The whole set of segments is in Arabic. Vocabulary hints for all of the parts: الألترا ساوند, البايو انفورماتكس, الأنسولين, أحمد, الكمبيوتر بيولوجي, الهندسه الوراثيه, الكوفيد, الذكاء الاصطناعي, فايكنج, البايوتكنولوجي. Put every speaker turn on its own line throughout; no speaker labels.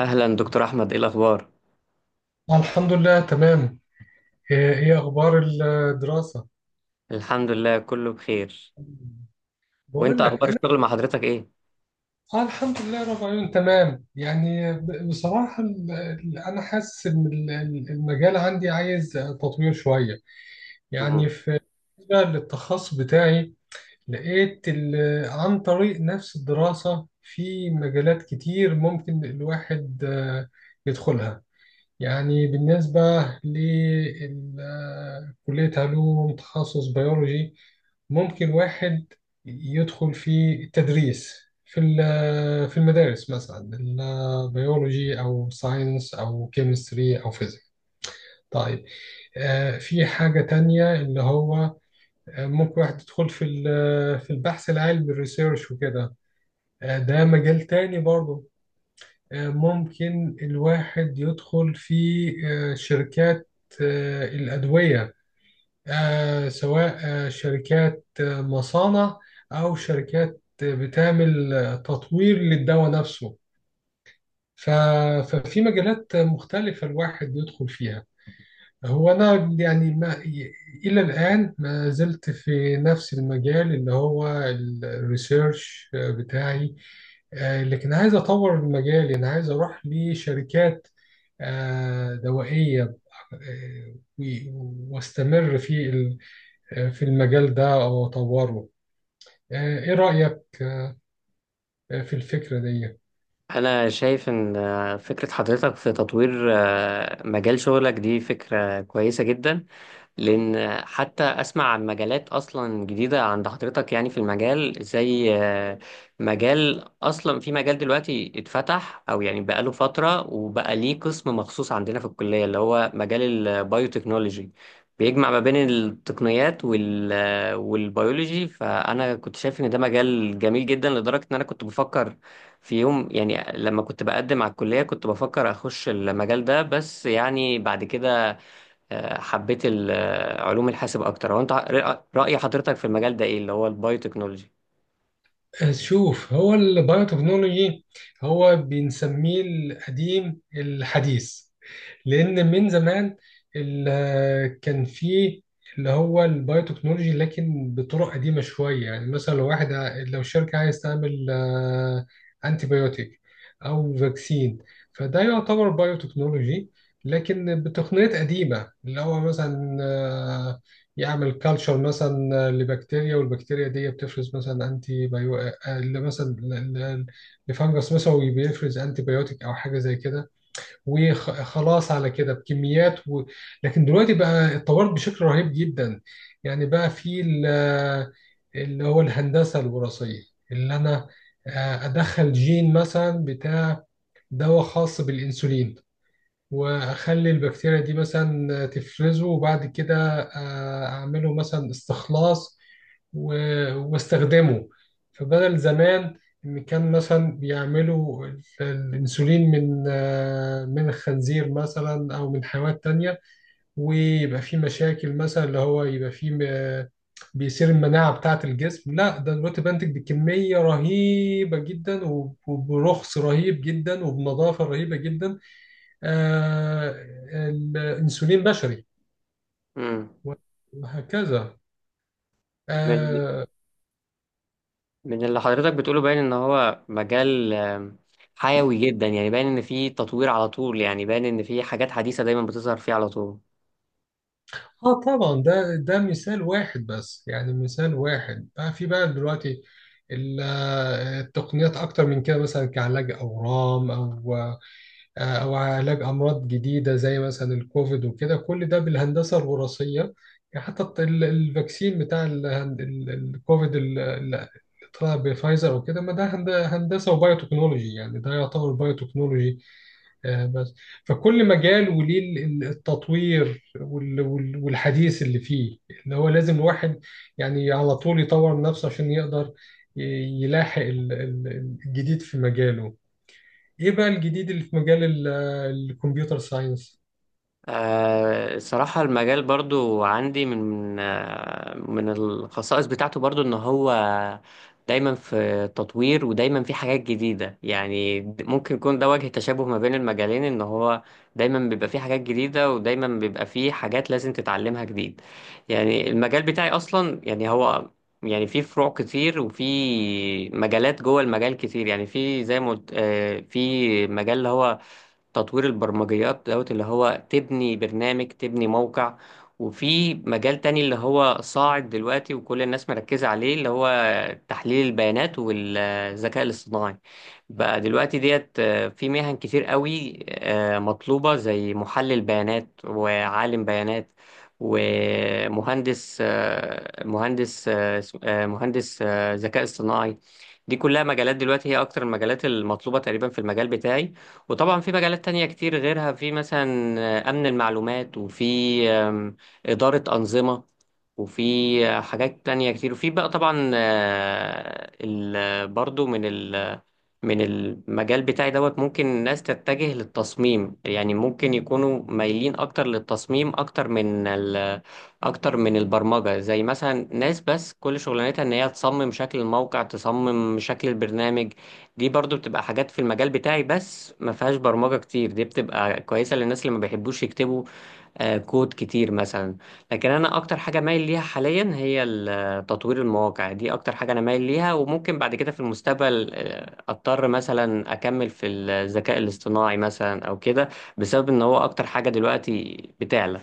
أهلا دكتور أحمد، إيه الأخبار؟
الحمد لله تمام. ايه اخبار الدراسة؟
الحمد لله كله بخير. وإنت
بقول
أخبار
لك.
الشغل مع حضرتك إيه؟
اه الحمد لله رب العالمين تمام. يعني بصراحة انا حاسس ان المجال عندي عايز تطوير شوية. يعني
مم.
في بالنسبة للتخصص بتاعي، لقيت عن طريق نفس الدراسة في مجالات كتير ممكن الواحد يدخلها. يعني بالنسبة لكلية علوم تخصص بيولوجي، ممكن واحد يدخل في التدريس في في المدارس مثلا، البيولوجي أو ساينس أو كيمستري أو فيزيك. طيب، في حاجة تانية، اللي هو ممكن واحد يدخل في في البحث العلمي الريسيرش وكده. ده مجال تاني برضه. ممكن الواحد يدخل في شركات الأدوية، سواء شركات مصانع أو شركات بتعمل تطوير للدواء نفسه. ف- ففي مجالات مختلفة الواحد يدخل فيها. هو أنا يعني ما، إلى الآن ما زلت في نفس المجال اللي هو الريسيرش بتاعي. لكن عايز أطور المجال، أنا عايز أروح لشركات دوائية واستمر في في المجال ده أو أطوره. إيه رأيك في الفكرة دي؟
أنا شايف إن فكرة حضرتك في تطوير مجال شغلك دي فكرة كويسة جدا، لان حتى اسمع عن مجالات اصلا جديده عند حضرتك، يعني في المجال زي مجال اصلا، في مجال دلوقتي اتفتح او يعني بقاله فتره وبقى ليه قسم مخصوص عندنا في الكليه اللي هو مجال البايوتكنولوجي، بيجمع ما بين التقنيات وال آه، والبيولوجي. فانا كنت شايف ان ده مجال جميل جدا لدرجه ان انا كنت بفكر في يوم، يعني لما كنت بقدم على الكليه كنت بفكر اخش المجال ده، بس يعني بعد كده حبيت علوم الحاسب اكتر. هو انت رأي حضرتك في المجال ده ايه اللي هو البايوتكنولوجي؟
شوف، هو البايوتكنولوجي هو بنسميه القديم الحديث. لأن من زمان كان فيه اللي هو البايوتكنولوجي، لكن بطرق قديمة شوية. يعني مثلا لو واحد لو شركة عايز تعمل أنتيبيوتيك أو فاكسين، فده يعتبر بايوتكنولوجي، لكن بتقنيات قديمة. اللي هو مثلا يعمل كالتشر مثلا لبكتيريا، والبكتيريا دي بتفرز مثلا انتي، اللي مثلا لفنجس مثلا بيفرز انتي بيوتيك او حاجه زي كده. وخلاص على كده بكميات لكن دلوقتي بقى اتطورت بشكل رهيب جدا. يعني بقى في اللي هو الهندسه الوراثيه، اللي انا ادخل جين مثلا بتاع دواء خاص بالانسولين، واخلي البكتيريا دي مثلا تفرزه، وبعد كده اعمله مثلا استخلاص واستخدمه. فبدل زمان، إن كان مثلا بيعملوا الأنسولين من من الخنزير مثلا أو من حيوانات تانية، ويبقى فيه مشاكل، مثلا اللي هو يبقى فيه بيصير المناعة بتاعة الجسم. لا، ده دلوقتي بنتج بكمية رهيبة جدا وبرخص رهيب جدا وبنظافة رهيبة جدا. آه، الأنسولين بشري،
امم.
وهكذا.
من
آه،
من اللي حضرتك بتقوله باين ان هو مجال حيوي جدا، يعني باين ان فيه تطوير على طول، يعني باين ان فيه حاجات حديثة دايما بتظهر فيه على طول.
اه طبعا. ده مثال واحد بس، يعني مثال واحد. بقى في بقى دلوقتي التقنيات اكتر من كده، مثلا كعلاج اورام او او علاج امراض جديده زي مثلا الكوفيد وكده. كل ده بالهندسه الوراثيه. يعني حتى الفاكسين بتاع الكوفيد اللي طلع بفايزر وكده، ما ده هندسه وبايوتكنولوجي، يعني ده يعتبر بايوتكنولوجي بس. فكل مجال وليه التطوير والحديث اللي فيه، اللي هو لازم الواحد يعني على طول يطور من نفسه عشان يقدر ي- يلاحق الجديد في مجاله. ايه بقى الجديد اللي في مجال الكمبيوتر ساينس؟
الصراحة المجال برضو عندي من من الخصائص بتاعته برضو ان هو دايما في تطوير ودايما في حاجات جديدة، يعني ممكن يكون ده وجه تشابه ما بين المجالين، ان هو دايما بيبقى فيه حاجات جديدة ودايما بيبقى فيه حاجات لازم تتعلمها جديد. يعني المجال بتاعي اصلا يعني هو، يعني في فروع كتير وفي مجالات جوه المجال كتير، يعني في زي ما قلت، في مجال اللي هو تطوير البرمجيات دوت اللي هو تبني برنامج تبني موقع، وفي مجال تاني اللي هو صاعد دلوقتي وكل الناس مركزة عليه اللي هو تحليل البيانات والذكاء الاصطناعي. بقى دلوقتي ديت في مهن كتير قوي مطلوبة زي محلل بيانات وعالم بيانات ومهندس، مهندس ذكاء اصطناعي. دي كلها مجالات دلوقتي هي أكتر المجالات المطلوبة تقريبا في المجال بتاعي. وطبعا في مجالات تانية كتير غيرها، في مثلا أمن المعلومات، وفي آم، إدارة أنظمة، وفي حاجات تانية كتير. وفي بقى طبعا برضو من المجال بتاعي دوت ممكن الناس تتجه للتصميم، يعني ممكن يكونوا مايلين اكتر للتصميم، اكتر من البرمجة، زي مثلا ناس بس كل شغلانتها ان هي تصمم شكل الموقع تصمم شكل البرنامج. دي برضو بتبقى حاجات في المجال بتاعي بس ما فيهاش برمجة كتير، دي بتبقى كويسة للناس اللي ما بيحبوش يكتبوا كود كتير مثلا. لكن انا اكتر حاجه مايل ليها حاليا هي تطوير المواقع، دي اكتر حاجه انا مايل ليها. وممكن بعد كده في المستقبل اضطر مثلا اكمل في الذكاء الاصطناعي مثلا او كده، بسبب ان هو اكتر حاجه دلوقتي بتعلى.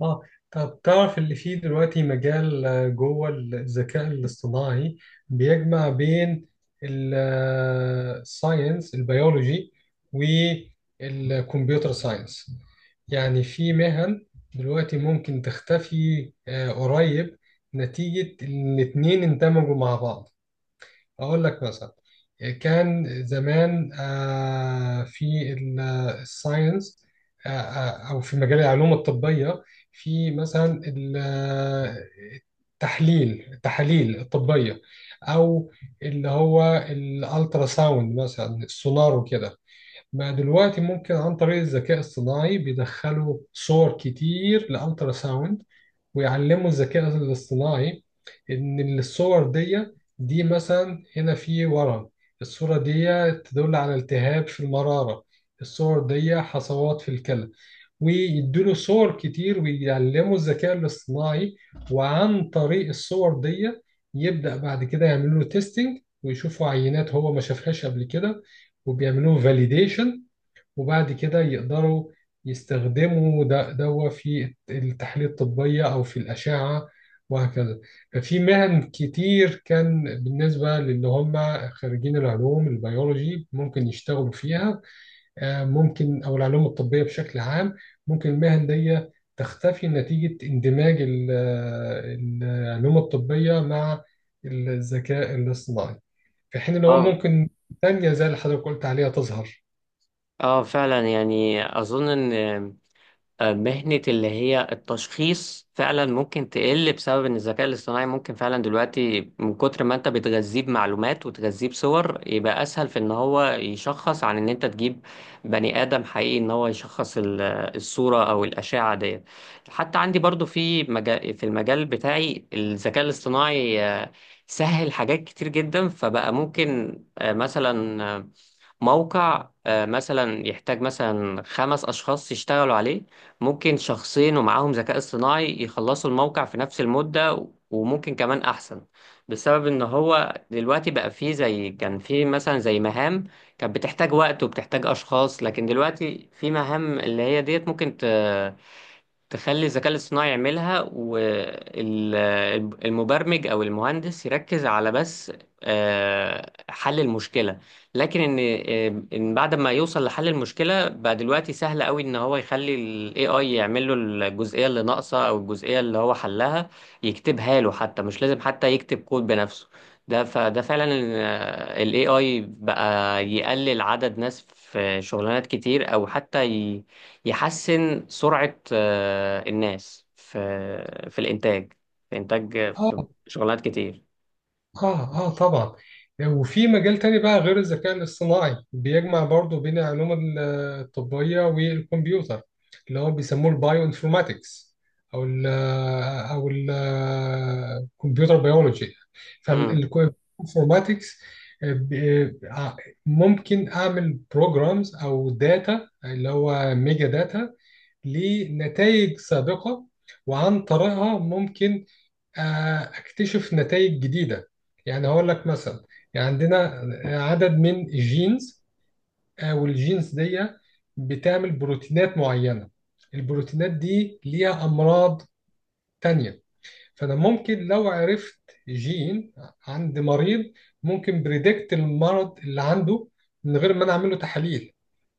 اه، طب تعرف اللي فيه دلوقتي مجال جوه الذكاء الاصطناعي بيجمع بين الساينس البيولوجي والكمبيوتر ساينس. يعني في مهن دلوقتي ممكن تختفي قريب، نتيجة إن الاتنين اندمجوا مع بعض. أقول لك مثلا، كان زمان في الساينس أو في مجال العلوم الطبية، في مثلا ال- التحليل التحاليل الطبية أو اللي هو الألترا ساوند مثلا، السونار وكده. ما دلوقتي ممكن عن طريق الذكاء الصناعي بيدخلوا صور كتير لألترا ساوند، ويعلموا الذكاء الاصطناعي ان الصور دي، مثلا هنا في ورم، الصورة دي تدل على التهاب في المرارة، الصور دي حصوات في الكلى. ويدوله صور كتير ويعلموا الذكاء الاصطناعي، وعن طريق الصور دي يبدأ بعد كده يعملوا له تيستينج، ويشوفوا عينات هو ما شافهاش قبل كده، وبيعملوا فاليديشن. وبعد كده يقدروا يستخدموا ده دوا في التحاليل الطبية أو في الأشعة، وهكذا. ففي مهن كتير كان بالنسبة للي هم خريجين العلوم البيولوجي ممكن يشتغلوا فيها. ممكن أو العلوم الطبية بشكل عام، ممكن المهن دي تختفي نتيجة اندماج العلوم الطبية مع الذكاء الاصطناعي، في حين إن هو
اه.
ممكن تانية زي اللي حضرتك قلت عليها تظهر.
اه فعلا، يعني اظن ان مهنة اللي هي التشخيص فعلا ممكن تقل بسبب ان الذكاء الاصطناعي ممكن فعلا دلوقتي، من كتر ما انت بتغذيه بمعلومات وتغذيه بصور، يبقى اسهل في ان هو يشخص عن ان انت تجيب بني ادم حقيقي ان هو يشخص الصورة او الاشعة ديت. حتى عندي برضو في مجال، في المجال بتاعي الذكاء الاصطناعي سهل حاجات كتير جدا، فبقى ممكن آه، مثلا آه، موقع مثلا يحتاج مثلا خمس أشخاص يشتغلوا عليه، ممكن شخصين ومعاهم ذكاء اصطناعي يخلصوا الموقع في نفس المدة وممكن كمان أحسن، بسبب إن هو دلوقتي بقى فيه، زي كان فيه مثلا زي مهام كانت بتحتاج وقت وبتحتاج أشخاص، لكن دلوقتي في مهام اللي هي ديت ممكن تخلي الذكاء الاصطناعي يعملها، والمبرمج او المهندس يركز على بس حل المشكلة. لكن ان بعد ما يوصل لحل المشكلة بقى دلوقتي سهل قوي ان هو يخلي ال AI يعمل له الجزئية اللي ناقصة، او الجزئية اللي هو حلها يكتبها له، حتى مش لازم حتى يكتب كود بنفسه. فده فعلا ال AI بقى يقلل عدد ناس في شغلانات كتير، او حتى يحسن سرعة الناس في في الإنتاج، في إنتاج في شغلانات كتير.
اه، اه طبعا. وفي مجال تاني بقى غير الذكاء الاصطناعي بيجمع برضو بين العلوم الطبية والكمبيوتر، اللي هو بيسموه البايو انفورماتكس او ال او ال الكمبيوتر بيولوجي.
امم.
فالانفورماتكس ممكن اعمل بروجرامز او داتا، اللي هو ميجا داتا، لنتائج سابقة، وعن طريقها ممكن اكتشف نتائج جديده. يعني هقول لك مثلا، يعني عندنا عدد من الجينز، والجينز دي بتعمل بروتينات معينه، البروتينات دي ليها امراض تانية. فانا ممكن لو عرفت جين عند مريض، ممكن بريدكت المرض اللي عنده من غير ما انا اعمله تحاليل.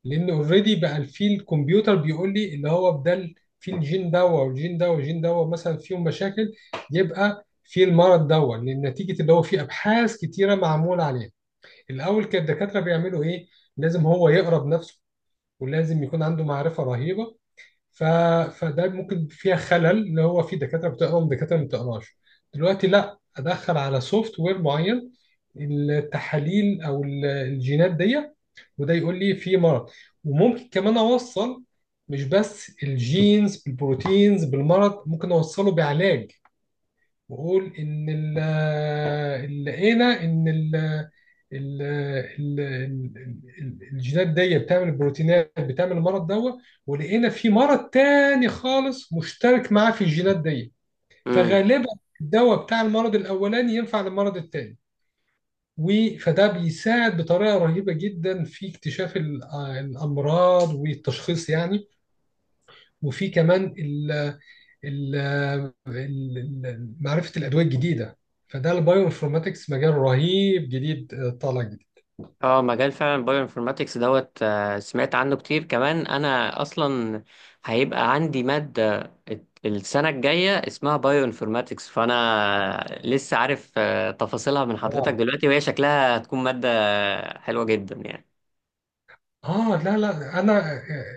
لان اوريدي بقى في الكمبيوتر بيقول لي، اللي هو بدل في الجين دوا والجين دوا والجين دوا مثلا فيهم مشاكل، يبقى في المرض دوا، لان نتيجه اللي هو في ابحاث كتيره معموله عليه. الاول كان الدكاتره بيعملوا ايه؟ لازم هو يقرا بنفسه ولازم يكون عنده معرفه رهيبه. ف... فده ممكن فيها خلل، اللي هو في دكاتره بتقرا ودكاتره ما بتقراش. دلوقتي لا، ادخل على سوفت وير معين التحاليل او الجينات دي، وده يقول لي في مرض. وممكن كمان اوصل، مش بس الجينز بالبروتينز بالمرض، ممكن اوصله بعلاج. واقول ان لقينا ان ال الجينات دي بتعمل البروتينات بتعمل المرض دوت، ولقينا في مرض تاني خالص مشترك معاه في الجينات دي.
امم.
فغالبا الدواء بتاع المرض الاولاني ينفع للمرض التاني. فده بيساعد بطريقه رهيبه جدا في اكتشاف الامراض والتشخيص يعني. وفي كمان ال- ال- معرفة الأدوية الجديدة. فده البايو انفورماتكس مجال رهيب جديد، طالع جديد.
اه، مجال فعلا البايو انفورماتكس دوت، سمعت عنه كتير كمان. أنا أصلا هيبقى عندي مادة السنة الجاية اسمها بايو انفورماتكس، فأنا لسه عارف تفاصيلها من حضرتك
واو.
دلوقتي، وهي شكلها هتكون مادة حلوة جدا يعني.
اه، لا، لا، انا آه،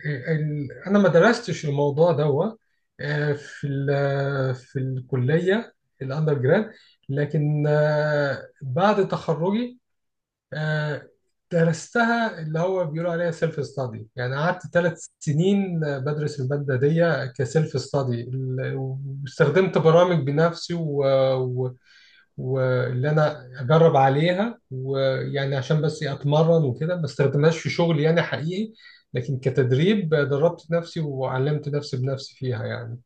آه، ال- انا ما درستش الموضوع ده في في الكلية الاندر جراد. لكن بعد تخرجي آه، درستها، اللي هو بيقولوا عليها سيلف ستادي. يعني قعدت 3 سنين بدرس المادة دي كسيلف ستادي. واستخدمت برامج بنفسي، واللي انا اجرب عليها، ويعني عشان بس إيه اتمرن وكده، ما استخدمهاش في شغل يعني حقيقي. لكن كتدريب، دربت نفسي وعلمت نفسي بنفسي فيها يعني،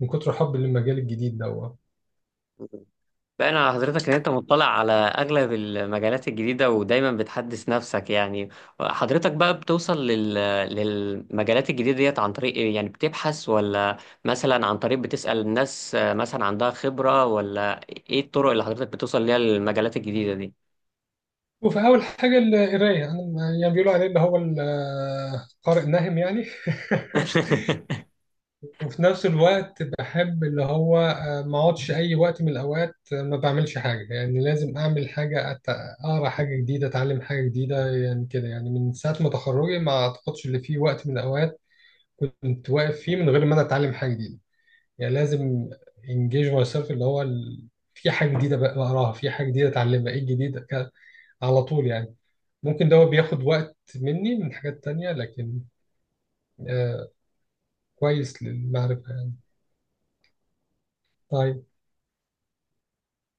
من كتر حبي للمجال الجديد ده.
باين على حضرتك ان انت مطلع على اغلب المجالات الجديدة ودايما بتحدث نفسك. يعني حضرتك بقى بتوصل لل... للمجالات الجديدة ديت عن طريق ايه؟ يعني بتبحث، ولا مثلا عن طريق بتسأل الناس مثلا عندها خبرة، ولا ايه الطرق اللي حضرتك بتوصل ليها للمجالات الجديدة دي؟
وفي أول حاجة القراية، أنا يعني بيقولوا عليه اللي هو القارئ ناهم يعني. وفي نفس الوقت بحب اللي هو ما اقعدش اي وقت من الاوقات ما بعملش حاجه. يعني لازم اعمل حاجه، اقرا حاجه جديده، اتعلم حاجه جديده. يعني كده، يعني من ساعه ما تخرجي ما اعتقدش ان في وقت من الاوقات كنت واقف فيه من غير ما انا اتعلم حاجه جديده. يعني لازم انجيج ماي سيلف، اللي هو في حاجه جديده بقراها، في حاجه جديده اتعلمها، ايه الجديد على طول يعني. ممكن ده هو بياخد وقت مني من حاجات تانية، لكن آه، كويس للمعرفة يعني. طيب.